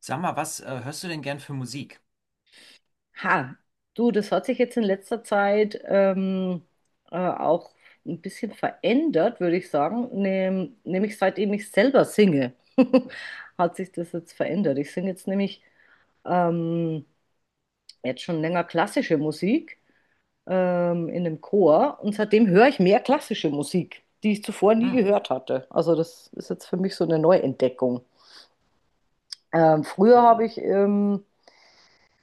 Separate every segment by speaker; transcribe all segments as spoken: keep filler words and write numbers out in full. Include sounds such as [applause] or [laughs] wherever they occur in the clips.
Speaker 1: Sag mal, was äh, hörst du denn gern für Musik?
Speaker 2: Ha, du, das hat sich jetzt in letzter Zeit ähm, äh, auch ein bisschen verändert, würde ich sagen. Nehm, nämlich seitdem ich selber singe, [laughs] hat sich das jetzt verändert. Ich singe jetzt nämlich ähm, jetzt schon länger klassische Musik ähm, in einem Chor und seitdem höre ich mehr klassische Musik, die ich zuvor nie
Speaker 1: Hm.
Speaker 2: gehört hatte. Also das ist jetzt für mich so eine Neuentdeckung. Ähm, früher
Speaker 1: Ja,
Speaker 2: habe
Speaker 1: oh.
Speaker 2: ich, ähm,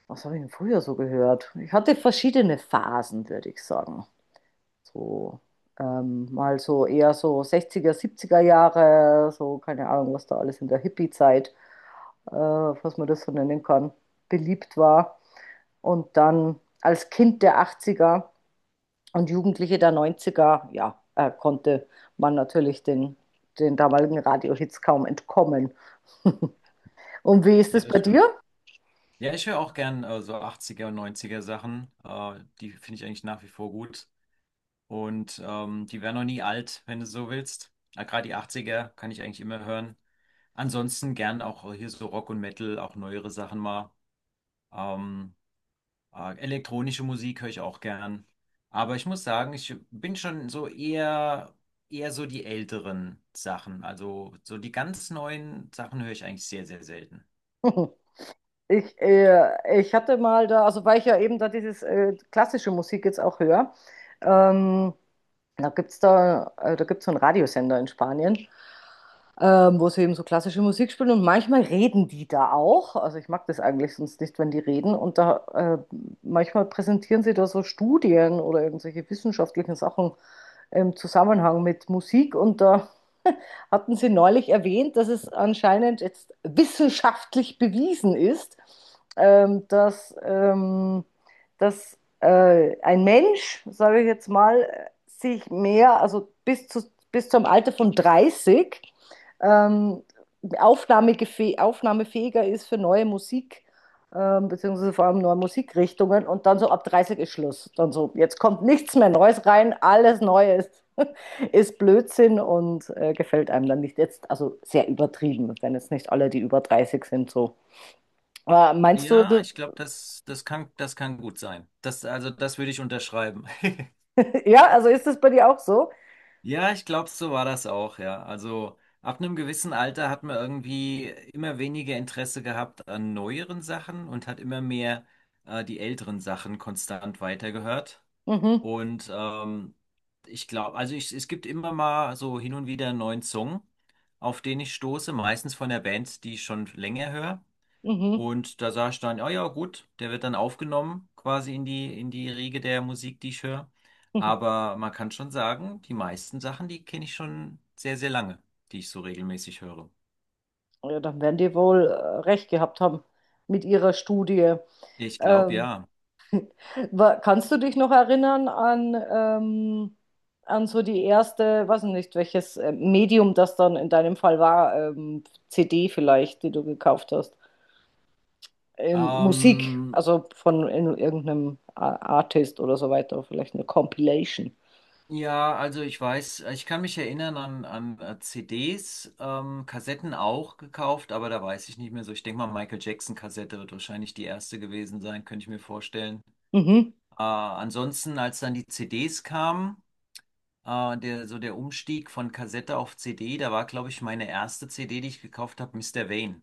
Speaker 2: Was habe ich denn früher so gehört? Ich hatte verschiedene Phasen, würde ich sagen. So, ähm, mal so eher so sechziger siebziger Jahre, so keine Ahnung, was da alles in der Hippie-Zeit, äh, was man das so nennen kann, beliebt war. Und dann als Kind der achtziger und Jugendliche der neunziger ja, äh, konnte man natürlich den, den damaligen Radiohits kaum entkommen. [laughs] Und wie ist
Speaker 1: Ja,
Speaker 2: es bei
Speaker 1: das
Speaker 2: dir?
Speaker 1: stimmt. Ja, ich höre auch gern äh, so achtziger und neunziger Sachen. Äh, die finde ich eigentlich nach wie vor gut. Und ähm, die werden noch nie alt, wenn du so willst. Äh, gerade die achtziger kann ich eigentlich immer hören. Ansonsten gern auch hier so Rock und Metal, auch neuere Sachen mal. Ähm, Ah, elektronische Musik höre ich auch gern. Aber ich muss sagen, ich bin schon so eher, eher so die älteren Sachen. Also so die ganz neuen Sachen höre ich eigentlich sehr, sehr selten.
Speaker 2: [laughs] Ich, äh, ich hatte mal da, also weil ich ja eben da dieses äh, klassische Musik jetzt auch höre, ähm, Da gibt's da, äh, da gibt's so einen Radiosender in Spanien, ähm, wo sie eben so klassische Musik spielen und manchmal reden die da auch. Also ich mag das eigentlich sonst nicht, wenn die reden. Und da äh, manchmal präsentieren sie da so Studien oder irgendwelche wissenschaftlichen Sachen im Zusammenhang mit Musik und da hatten Sie neulich erwähnt, dass es anscheinend jetzt wissenschaftlich bewiesen ist, ähm, dass, ähm, dass äh, ein Mensch, sage ich jetzt mal, sich mehr, also bis, zu, bis zum Alter von dreißig ähm, aufnahmegefäh- aufnahmefähiger ist für neue Musik, ähm, beziehungsweise vor allem neue Musikrichtungen. Und dann so ab dreißig ist Schluss. Dann so, jetzt kommt nichts mehr Neues rein, alles Neues [laughs] ist Blödsinn und äh, gefällt einem dann nicht. Jetzt, also sehr übertrieben, wenn jetzt nicht alle, die über dreißig sind, so. Aber meinst du,
Speaker 1: Ja,
Speaker 2: du,
Speaker 1: ich glaube, das, das kann, das kann gut sein. Das, also das würde ich unterschreiben. [laughs]
Speaker 2: [laughs] Ja, also ist das bei dir auch so?
Speaker 1: Ja, ich glaube, so war das auch, ja. Also ab einem gewissen Alter hat man irgendwie immer weniger Interesse gehabt an neueren Sachen und hat immer mehr äh, die älteren Sachen konstant weitergehört.
Speaker 2: Mhm,
Speaker 1: Und ähm, ich glaube, also ich, es gibt immer mal so hin und wieder einen neuen Song, auf den ich stoße, meistens von der Band, die ich schon länger höre.
Speaker 2: mhm,
Speaker 1: Und da sage ich dann, ja, ja, gut, der wird dann aufgenommen, quasi in die, in die Riege der Musik, die ich höre.
Speaker 2: mhm.
Speaker 1: Aber man kann schon sagen, die meisten Sachen, die kenne ich schon sehr, sehr lange, die ich so regelmäßig höre.
Speaker 2: Ja, dann werden die wohl äh, recht gehabt haben mit ihrer Studie.
Speaker 1: Ich glaube,
Speaker 2: Ähm,
Speaker 1: ja.
Speaker 2: Wa- Kannst du dich noch erinnern an, ähm, an so die erste, weiß ich nicht, welches äh, Medium das dann in deinem Fall war, ähm, C D vielleicht, die du gekauft hast? Ähm, Musik,
Speaker 1: Ähm,
Speaker 2: also von in, irgendeinem A- Artist oder so weiter, vielleicht eine Compilation.
Speaker 1: Ja, also ich weiß, ich kann mich erinnern an, an äh, C Ds, ähm, Kassetten auch gekauft, aber da weiß ich nicht mehr so. Ich denke mal, Michael Jackson-Kassette wird wahrscheinlich die erste gewesen sein, könnte ich mir vorstellen.
Speaker 2: Mhm.
Speaker 1: Äh, ansonsten, als dann die C Ds kamen, äh, der, so der Umstieg von Kassette auf C D, da war, glaube ich, meine erste C D, die ich gekauft habe, Mister Wayne,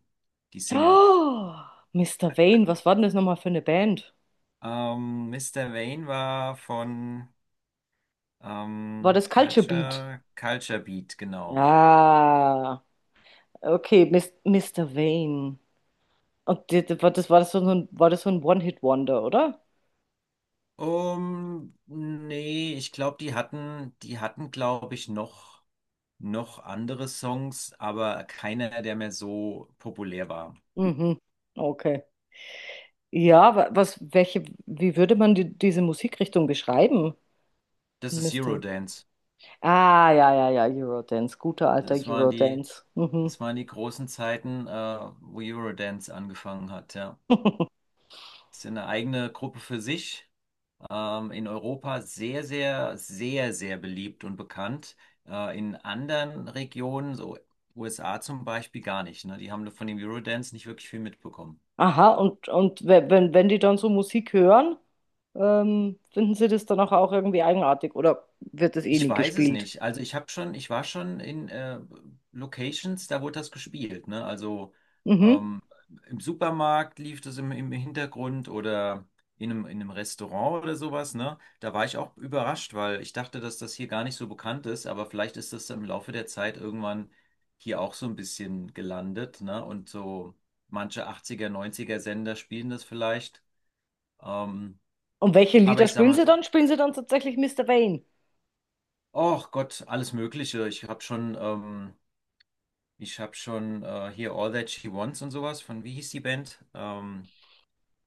Speaker 1: die Single.
Speaker 2: Oh, Mister Vane, was war denn das nochmal für eine Band?
Speaker 1: Ähm, Mister Vane war von
Speaker 2: War
Speaker 1: ähm,
Speaker 2: das Culture Beat?
Speaker 1: Culture, Culture Beat, genau.
Speaker 2: Ah, okay, Mis Mister Vane. Und die- die- war das, war das so ein, war das so ein One-Hit-Wonder, oder?
Speaker 1: Um, nee, ich glaube, die hatten, die hatten, glaube ich, noch, noch andere Songs, aber keiner, der mehr so populär war.
Speaker 2: Mhm. Okay. Ja, wa- was, welche, wie würde man die, diese Musikrichtung beschreiben,
Speaker 1: Das ist
Speaker 2: Mister?
Speaker 1: Eurodance.
Speaker 2: Ah, ja, ja, ja, Eurodance, guter alter
Speaker 1: Das waren die,
Speaker 2: Eurodance. Mhm.
Speaker 1: Das waren die großen Zeiten, äh, wo Eurodance angefangen hat, ja.
Speaker 2: [laughs]
Speaker 1: Das ist ja eine eigene Gruppe für sich. Ähm, in Europa sehr, sehr, sehr, sehr beliebt und bekannt. Äh, in anderen Regionen, so U S A zum Beispiel, gar nicht, ne? Die haben von dem Eurodance nicht wirklich viel mitbekommen.
Speaker 2: Aha, und, und we- wenn, wenn die dann so Musik hören, ähm, finden sie das dann auch, auch irgendwie eigenartig oder wird das eh
Speaker 1: Ich
Speaker 2: nie
Speaker 1: weiß es
Speaker 2: gespielt?
Speaker 1: nicht. Also ich habe schon, ich war schon in äh, Locations, da wurde das gespielt, ne? Also
Speaker 2: Mhm.
Speaker 1: ähm, im Supermarkt lief das im, im Hintergrund oder in einem, in einem Restaurant oder sowas, ne? Da war ich auch überrascht, weil ich dachte, dass das hier gar nicht so bekannt ist, aber vielleicht ist das im Laufe der Zeit irgendwann hier auch so ein bisschen gelandet, ne? Und so manche achtziger, neunziger Sender spielen das vielleicht. Ähm,
Speaker 2: Und welche
Speaker 1: aber
Speaker 2: Lieder
Speaker 1: ich sag
Speaker 2: spielen
Speaker 1: mal
Speaker 2: sie
Speaker 1: so.
Speaker 2: dann? Spielen sie dann tatsächlich Mister Wayne?
Speaker 1: Oh Gott, alles Mögliche. Ich habe schon ähm, Ich habe schon äh, hier All That She Wants und sowas von, wie hieß die Band? Ähm,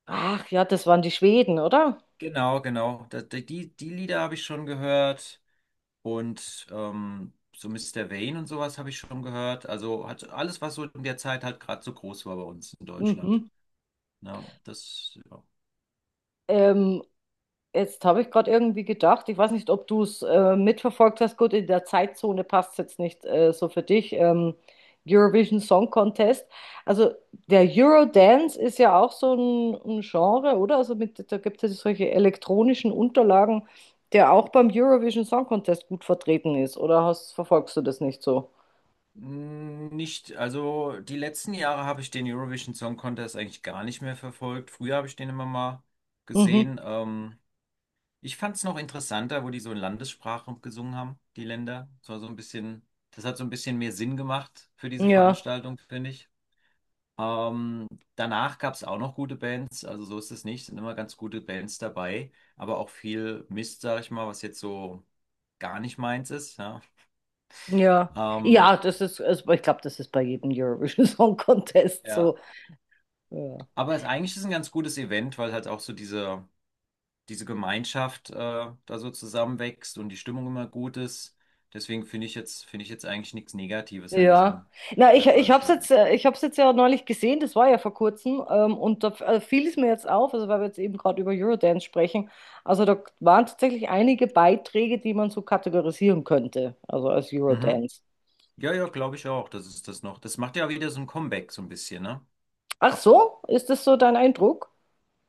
Speaker 2: Ach ja, das waren die Schweden, oder?
Speaker 1: Genau, genau. Da, da, die, die Lieder habe ich schon gehört und ähm, so Mister Vane und sowas habe ich schon gehört. Also hat alles, was so in der Zeit halt gerade so groß war bei uns in Deutschland.
Speaker 2: Mhm.
Speaker 1: Ja, das ja.
Speaker 2: Ähm, Jetzt habe ich gerade irgendwie gedacht, ich weiß nicht, ob du es äh, mitverfolgt hast. Gut, in der Zeitzone passt es jetzt nicht äh, so für dich. Ähm, Eurovision Song Contest. Also der Eurodance ist ja auch so ein, ein Genre, oder? Also mit, da gibt es solche elektronischen Unterlagen, der auch beim Eurovision Song Contest gut vertreten ist. Oder hast, verfolgst du das nicht so?
Speaker 1: Mm, Nicht, also die letzten Jahre habe ich den Eurovision Song Contest eigentlich gar nicht mehr verfolgt. Früher habe ich den immer mal
Speaker 2: Mhm.
Speaker 1: gesehen. Ähm, Ich fand es noch interessanter, wo die so in Landessprache gesungen haben, die Länder. Das war so ein bisschen, das hat so ein bisschen mehr Sinn gemacht für diese
Speaker 2: Ja,
Speaker 1: Veranstaltung, finde ich. Ähm, Danach gab es auch noch gute Bands, also so ist es nicht, sind immer ganz gute Bands dabei, aber auch viel Mist, sag ich mal, was jetzt so gar nicht meins ist. Ja,
Speaker 2: ja.
Speaker 1: ähm,
Speaker 2: Ja, das ist, also ich glaube, das ist bei jedem Eurovision Song Contest
Speaker 1: ja.
Speaker 2: so. Ja.
Speaker 1: aber es, eigentlich ist es ein ganz gutes Event, weil halt auch so diese diese Gemeinschaft äh, da so zusammenwächst und die Stimmung immer gut ist. Deswegen finde ich jetzt, finde ich jetzt eigentlich nichts Negatives an
Speaker 2: Ja,
Speaker 1: diesem, an
Speaker 2: na, ich,
Speaker 1: dieser
Speaker 2: ich habe es
Speaker 1: Veranstaltung.
Speaker 2: jetzt, äh, ich hab's jetzt ja neulich gesehen, das war ja vor kurzem, ähm, und da f- äh, fiel es mir jetzt auf, also weil wir jetzt eben gerade über Eurodance sprechen, also da waren tatsächlich einige Beiträge, die man so kategorisieren könnte, also als
Speaker 1: Mhm.
Speaker 2: Eurodance.
Speaker 1: Ja, ja, glaube ich auch, dass es das noch. Das macht ja wieder so ein Comeback so ein bisschen, ne?
Speaker 2: Ach so, ist das so dein Eindruck?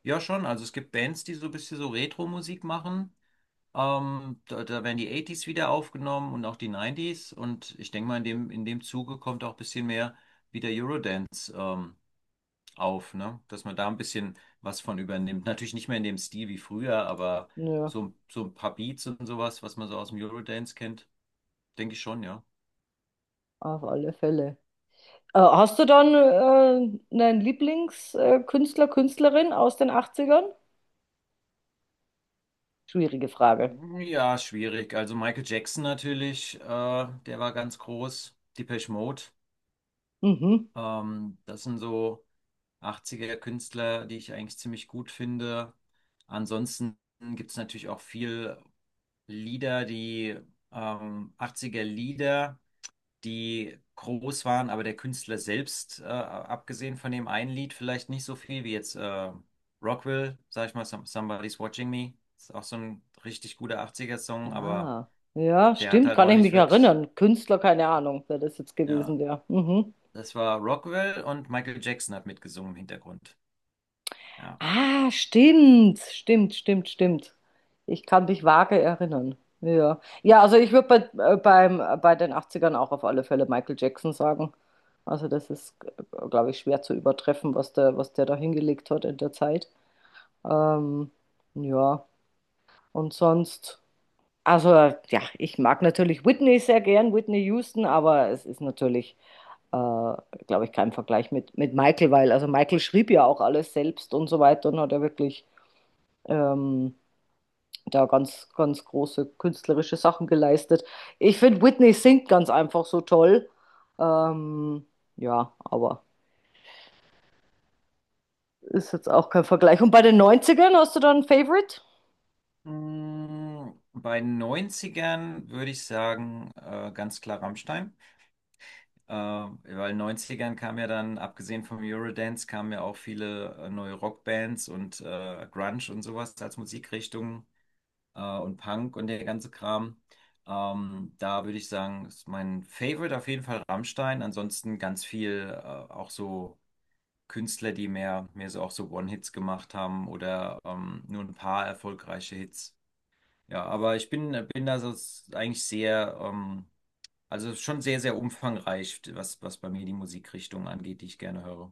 Speaker 1: Ja, schon. Also es gibt Bands, die so ein bisschen so Retro-Musik machen. Ähm, da, da werden die achtziger wieder aufgenommen und auch die neunziger. Und ich denke mal, in dem, in dem Zuge kommt auch ein bisschen mehr wieder Eurodance. Ähm, auf, ne? Dass man da ein bisschen was von übernimmt. Natürlich nicht mehr in dem Stil wie früher, aber
Speaker 2: Ja,
Speaker 1: so, so ein paar Beats und sowas, was man so aus dem Eurodance kennt, denke ich schon, ja.
Speaker 2: auf alle Fälle. Äh, hast du dann äh, einen Lieblingskünstler, Künstlerin aus den Achtzigern? Schwierige Frage.
Speaker 1: Ja, schwierig. Also Michael Jackson natürlich, äh, der war ganz groß. Depeche Mode,
Speaker 2: Mhm.
Speaker 1: ähm, das sind so achtziger Künstler, die ich eigentlich ziemlich gut finde. Ansonsten gibt es natürlich auch viel Lieder, die ähm, achtziger Lieder, die groß waren, aber der Künstler selbst, äh, abgesehen von dem einen Lied, vielleicht nicht so viel wie jetzt äh, Rockwell, sag ich mal, Some- Somebody's Watching Me. Ist auch so ein richtig guter achtziger Song, aber
Speaker 2: Ah, ja,
Speaker 1: der hat
Speaker 2: stimmt,
Speaker 1: halt
Speaker 2: kann
Speaker 1: auch
Speaker 2: ich mich
Speaker 1: nicht wirklich,
Speaker 2: erinnern. Künstler, keine Ahnung, wer das jetzt
Speaker 1: ja.
Speaker 2: gewesen wäre. Mhm.
Speaker 1: Das war Rockwell und Michael Jackson hat mitgesungen im Hintergrund. Ja.
Speaker 2: Ah, stimmt, stimmt, stimmt, stimmt. Ich kann mich vage erinnern. Ja, ja, also ich würde bei, äh, beim, äh, bei den Achtzigern auch auf alle Fälle Michael Jackson sagen. Also das ist, glaube ich, schwer zu übertreffen, was der, was der da hingelegt hat in der Zeit. Ähm, ja, und sonst, also ja, ich mag natürlich Whitney sehr gern, Whitney Houston, aber es ist natürlich äh, glaube ich, kein Vergleich mit, mit Michael, weil also Michael schrieb ja auch alles selbst und so weiter und hat ja wirklich ähm, da ganz, ganz große künstlerische Sachen geleistet. Ich finde, Whitney singt ganz einfach so toll. Ähm, ja, aber ist jetzt auch kein Vergleich. Und bei den Neunzigern hast du da ein Favorite?
Speaker 1: Mm, Bei Neunzigern würde ich sagen, äh, ganz klar Rammstein. Ähm, weil in den Neunzigern kam ja dann, abgesehen vom Eurodance, kamen ja auch viele äh, neue Rockbands und äh, Grunge und sowas als Musikrichtung äh, und Punk und der ganze Kram. Ähm, da würde ich sagen, ist mein Favorite auf jeden Fall Rammstein. Ansonsten ganz viel äh, auch so Künstler, die mehr, mehr so auch so One-Hits gemacht haben oder ähm, nur ein paar erfolgreiche Hits. Ja, aber ich bin, bin da so s- eigentlich sehr ähm, also es ist schon sehr, sehr umfangreich, was, was bei mir die Musikrichtung angeht, die ich gerne höre.